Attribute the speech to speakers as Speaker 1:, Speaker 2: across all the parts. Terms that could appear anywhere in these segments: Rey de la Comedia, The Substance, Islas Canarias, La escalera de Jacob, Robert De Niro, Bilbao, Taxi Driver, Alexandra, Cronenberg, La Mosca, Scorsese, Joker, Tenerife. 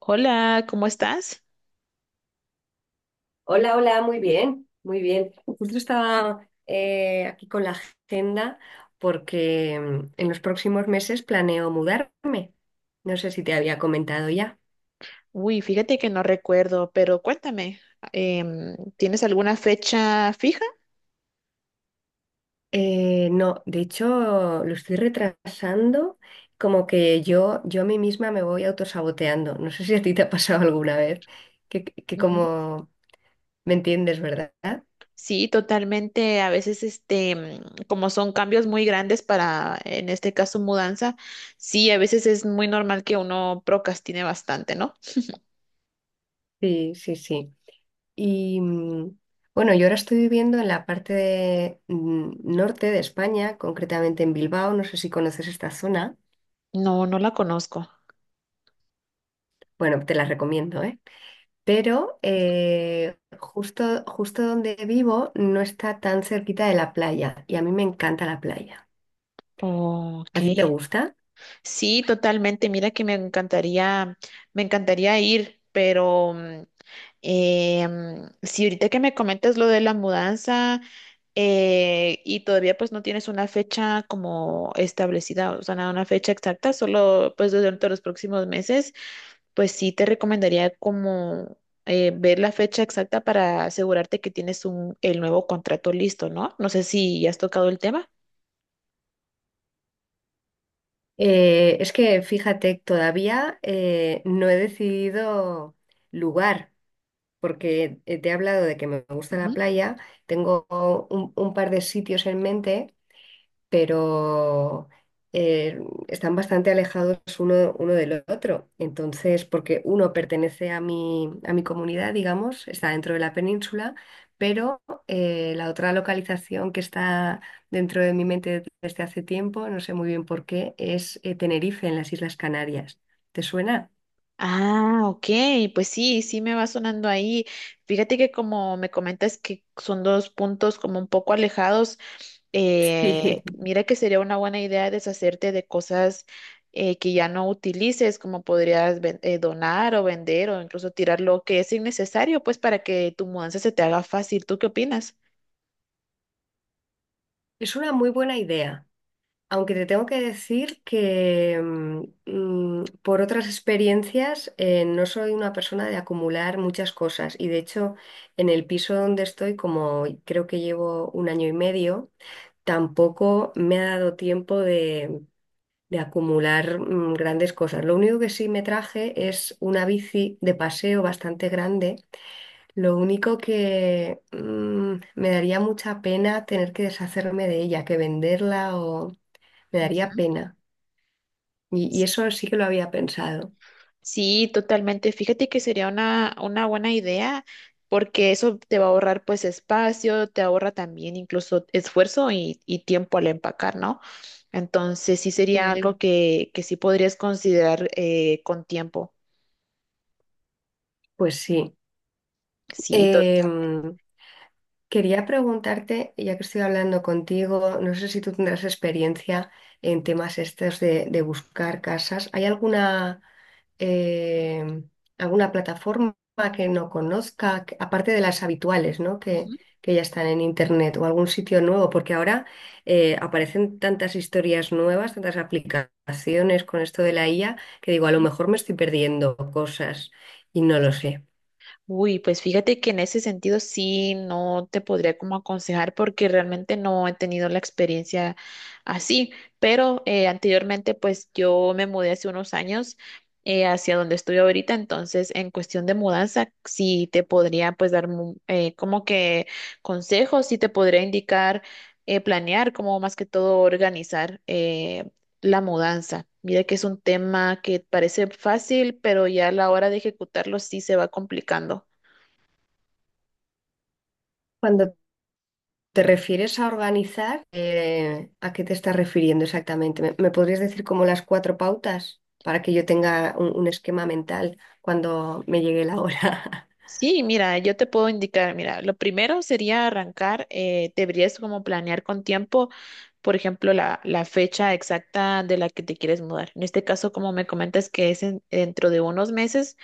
Speaker 1: Hola, ¿cómo estás?
Speaker 2: Hola, hola, muy bien, muy bien. Justo estaba aquí con la agenda porque en los próximos meses planeo mudarme. No sé si te había comentado ya.
Speaker 1: Uy, fíjate que no recuerdo, pero cuéntame, ¿tienes alguna fecha fija?
Speaker 2: No, de hecho lo estoy retrasando, como que yo a mí misma me voy autosaboteando. No sé si a ti te ha pasado alguna vez, que
Speaker 1: Ujú.
Speaker 2: como me entiendes, ¿verdad?
Speaker 1: Sí, totalmente. A veces, este, como son cambios muy grandes para, en este caso, mudanza, sí, a veces es muy normal que uno procrastine bastante, ¿no?
Speaker 2: Sí, sí, sí. Y bueno, yo ahora estoy viviendo en la parte de, norte de España, concretamente en Bilbao. No sé si conoces esta zona.
Speaker 1: No, no la conozco.
Speaker 2: Bueno, te la recomiendo, ¿eh? Pero justo donde vivo no está tan cerquita de la playa y a mí me encanta la playa. ¿A
Speaker 1: Ok.
Speaker 2: ti te gusta?
Speaker 1: Sí, totalmente. Mira que me encantaría ir, pero si ahorita que me comentas lo de la mudanza y todavía pues no tienes una fecha como establecida, o sea, nada, una fecha exacta, solo pues durante los próximos meses, pues sí te recomendaría como ver la fecha exacta para asegurarte que tienes un, el nuevo contrato listo, ¿no? No sé si ya has tocado el tema.
Speaker 2: Es que fíjate, todavía no he decidido lugar, porque te he hablado de que me gusta la playa, tengo un par de sitios en mente pero eh, están bastante alejados uno del otro. Entonces, porque uno pertenece a mi comunidad, digamos, está dentro de la península, pero la otra localización que está dentro de mi mente desde hace tiempo, no sé muy bien por qué, es Tenerife, en las Islas Canarias. ¿Te suena?
Speaker 1: Ah, ok, pues sí, sí me va sonando ahí. Fíjate que como me comentas que son dos puntos como un poco alejados,
Speaker 2: Sí,
Speaker 1: mira que sería una buena idea deshacerte de cosas que ya no utilices, como podrías donar o vender o incluso tirar lo que es innecesario, pues para que tu mudanza se te haga fácil. ¿Tú qué opinas?
Speaker 2: es una muy buena idea. Aunque te tengo que decir que por otras experiencias no soy una persona de acumular muchas cosas y de hecho en el piso donde estoy, como creo que llevo un año y medio, tampoco me ha dado tiempo de acumular grandes cosas. Lo único que sí me traje es una bici de paseo bastante grande. Lo único que me daría mucha pena tener que deshacerme de ella, que venderla o me daría
Speaker 1: Ujú.
Speaker 2: pena. Y eso sí que lo había pensado.
Speaker 1: Sí, totalmente. Fíjate que sería una buena idea porque eso te va a ahorrar pues espacio, te ahorra también incluso esfuerzo y tiempo al empacar, ¿no? Entonces sí sería
Speaker 2: Mm.
Speaker 1: algo que sí podrías considerar con tiempo.
Speaker 2: Pues sí.
Speaker 1: Sí, total.
Speaker 2: Em, Quería preguntarte, ya que estoy hablando contigo, no sé si tú tendrás experiencia en temas estos de buscar casas. ¿Hay alguna... eh, alguna plataforma que no conozca, que- aparte de las habituales, ¿no? Que ya están en internet o algún sitio nuevo, porque ahora aparecen tantas historias nuevas, tantas aplicaciones con esto de la IA, que digo, a lo mejor me estoy perdiendo cosas y no lo sé.
Speaker 1: Uy, pues fíjate que en ese sentido sí no te podría como aconsejar porque realmente no he tenido la experiencia así, pero anteriormente pues yo me mudé hace unos años hacia donde estoy ahorita, entonces en cuestión de mudanza sí te podría pues dar como que consejos, sí te podría indicar planear, como más que todo organizar la mudanza. Mira que es un tema que parece fácil, pero ya a la hora de ejecutarlo sí se va complicando.
Speaker 2: Cuando te refieres a organizar, ¿a qué te estás refiriendo exactamente? ¿Me, me podrías decir como las cuatro pautas para que yo tenga un esquema mental cuando me llegue la hora?
Speaker 1: Sí, mira, yo te puedo indicar, mira, lo primero sería arrancar, deberías como planear con tiempo, por ejemplo, la fecha exacta de la que te quieres mudar. En este caso, como me comentas que es dentro de unos meses,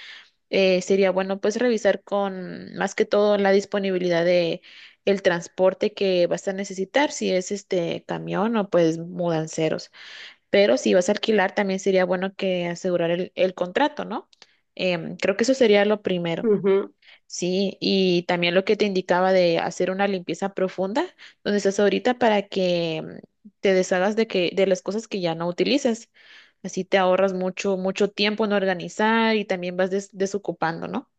Speaker 1: sería bueno pues revisar con más que todo la disponibilidad de el transporte que vas a necesitar, si es este camión o pues mudanceros. Pero si vas a alquilar, también sería bueno que asegurar el contrato, ¿no? Em, creo que eso sería lo primero.
Speaker 2: Ujú.
Speaker 1: Sí, y también lo que te indicaba de hacer una limpieza profunda donde estás ahorita para que te deshagas de que de las cosas que ya no utilices. Así te ahorras mucho mucho tiempo en organizar y también vas desocupando, ¿no?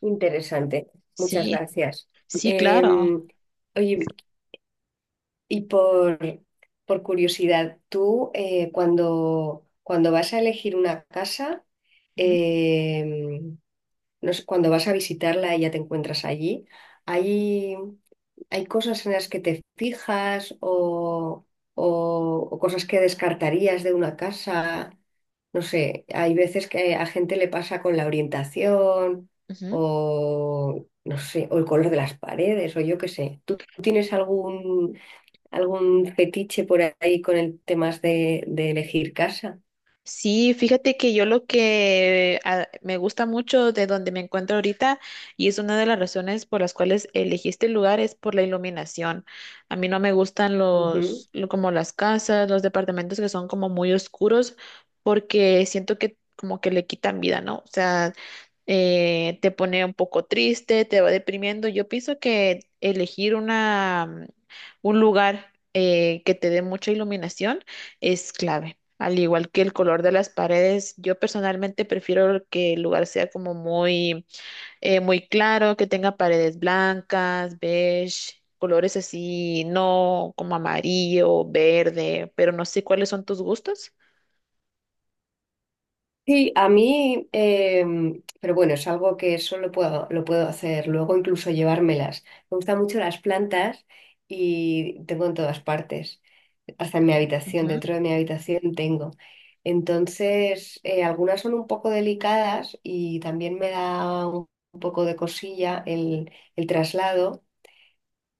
Speaker 2: Interesante, muchas
Speaker 1: Sí,
Speaker 2: gracias.
Speaker 1: sí, claro.
Speaker 2: Em, Oye, y por curiosidad, tú cuando, cuando vas a elegir una casa,
Speaker 1: Ujú,
Speaker 2: em, no sé, cuando vas a visitarla y ya te encuentras allí, hay, hay cosas en las que te fijas o cosas que descartarías de una casa. No sé, hay veces que a gente le pasa con la orientación
Speaker 1: ujú.
Speaker 2: o, no sé, o el color de las paredes o yo qué sé. ¿Tú tienes algún, algún fetiche por ahí con el tema de elegir casa?
Speaker 1: Sí, fíjate que yo lo que me gusta mucho de donde me encuentro ahorita y es una de las razones por las cuales elegí este lugar es por la iluminación. A mí no me gustan los como las casas, los departamentos que son como muy oscuros porque siento que como que le quitan vida, ¿no? O sea, te pone un poco triste, te va deprimiendo. Yo pienso que elegir una, un lugar que te dé mucha iluminación es clave. Al igual que el color de las paredes, yo personalmente prefiero que el lugar sea como muy, muy claro, que tenga paredes blancas, beige, colores así, no como amarillo, verde, pero no sé cuáles son tus gustos.
Speaker 2: Sí, a mí, pero bueno, es algo que solo puedo, lo puedo hacer, luego incluso llevármelas. Me gustan mucho las plantas y tengo en todas partes, hasta en mi habitación, dentro de mi habitación tengo. Entonces, algunas son un poco delicadas y también me da un poco de cosilla el traslado,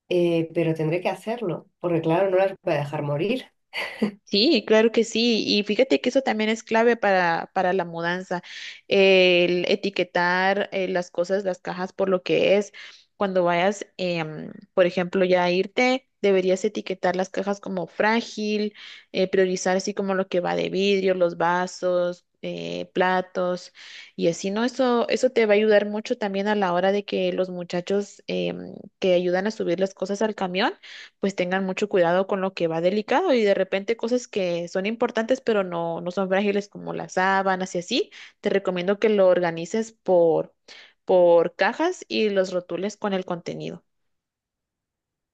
Speaker 2: pero tendré que hacerlo, porque claro, no las voy a dejar morir.
Speaker 1: Sí, claro que sí. Y fíjate que eso también es clave para la mudanza, el etiquetar las cosas, las cajas por lo que es. Cuando vayas, em, por ejemplo, ya a irte, deberías etiquetar las cajas como frágil, priorizar así como lo que va de vidrio, los vasos, platos y así, ¿no? Eso te va a ayudar mucho también a la hora de que los muchachos em, que ayudan a subir las cosas al camión pues tengan mucho cuidado con lo que va delicado y de repente cosas que son importantes pero no, no son frágiles como las sábanas y así, te recomiendo que lo organices por cajas y los rotules con el contenido.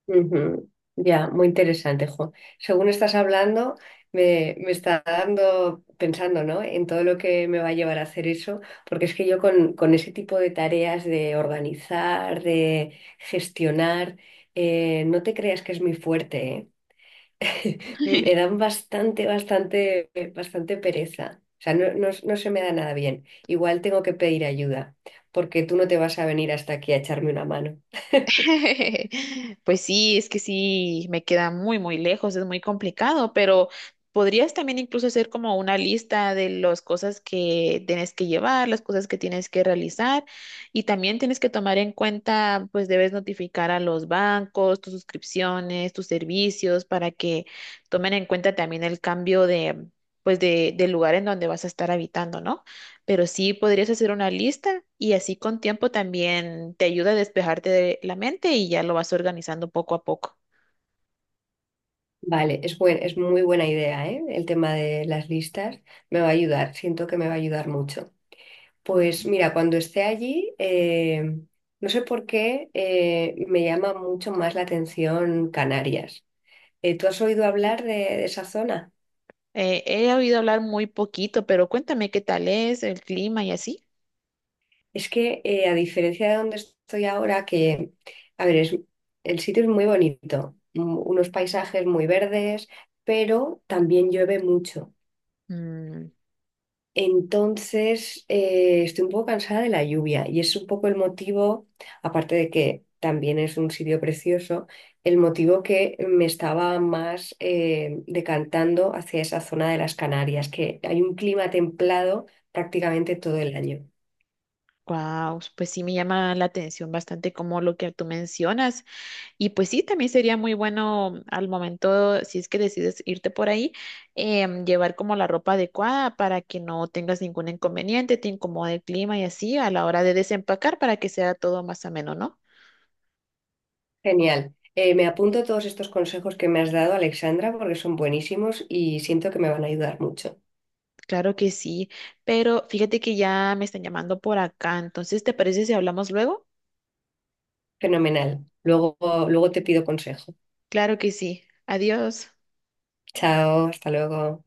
Speaker 2: Ujú. Ya, muy interesante, jo. Según estás hablando, me está dando, pensando, ¿no? En todo lo que me va a llevar a hacer eso, porque es que yo con ese tipo de tareas de organizar, de gestionar, no te creas que es muy fuerte, ¿eh? Me dan bastante, bastante, bastante pereza. O sea, no, no, no se me da nada bien. Igual tengo que pedir ayuda, porque tú no te vas a venir hasta aquí a echarme una mano.
Speaker 1: Pues sí, es que sí, me queda muy, muy lejos, es muy complicado, pero podrías también incluso hacer como una lista de las cosas que tienes que llevar, las cosas que tienes que realizar y también tienes que tomar en cuenta, pues debes notificar a los bancos, tus suscripciones, tus servicios para que tomen en cuenta también el cambio de, pues de, del lugar en donde vas a estar habitando, ¿no? Pero sí podrías hacer una lista y así con tiempo también te ayuda a despejarte de la mente y ya lo vas organizando poco a poco.
Speaker 2: Vale, es buen- es muy buena idea, ¿eh? El tema de las listas me va a ayudar, siento que me va a ayudar mucho. Pues
Speaker 1: Ujú.
Speaker 2: mira, cuando esté allí, no sé por qué me llama mucho más la atención Canarias. ¿Tú has oído hablar de esa zona?
Speaker 1: He oído hablar muy poquito, pero cuéntame qué tal es el clima y así.
Speaker 2: Es que a diferencia de donde estoy ahora, que, a ver, es- el sitio es muy bonito, unos paisajes muy verdes, pero también llueve mucho.
Speaker 1: Mm,
Speaker 2: Entonces, estoy un poco cansada de la lluvia y es un poco el motivo, aparte de que también es un sitio precioso, el motivo que me estaba más decantando hacia esa zona de las Canarias, que hay un clima templado prácticamente todo el año.
Speaker 1: guau, pues sí me llama la atención bastante como lo que tú mencionas. Y pues sí, también sería muy bueno al momento, si es que decides irte por ahí, llevar como la ropa adecuada para que no tengas ningún inconveniente, te incomode el clima y así a la hora de desempacar para que sea todo más ameno, ¿no?
Speaker 2: Genial. Me apunto todos estos consejos que me has dado, Alexandra, porque son buenísimos y siento que me van a ayudar mucho.
Speaker 1: Claro que sí, pero fíjate que ya me están llamando por acá, entonces, ¿te parece si hablamos luego?
Speaker 2: Fenomenal. Luego, luego te pido consejo.
Speaker 1: Claro que sí. Adiós.
Speaker 2: Chao, hasta luego.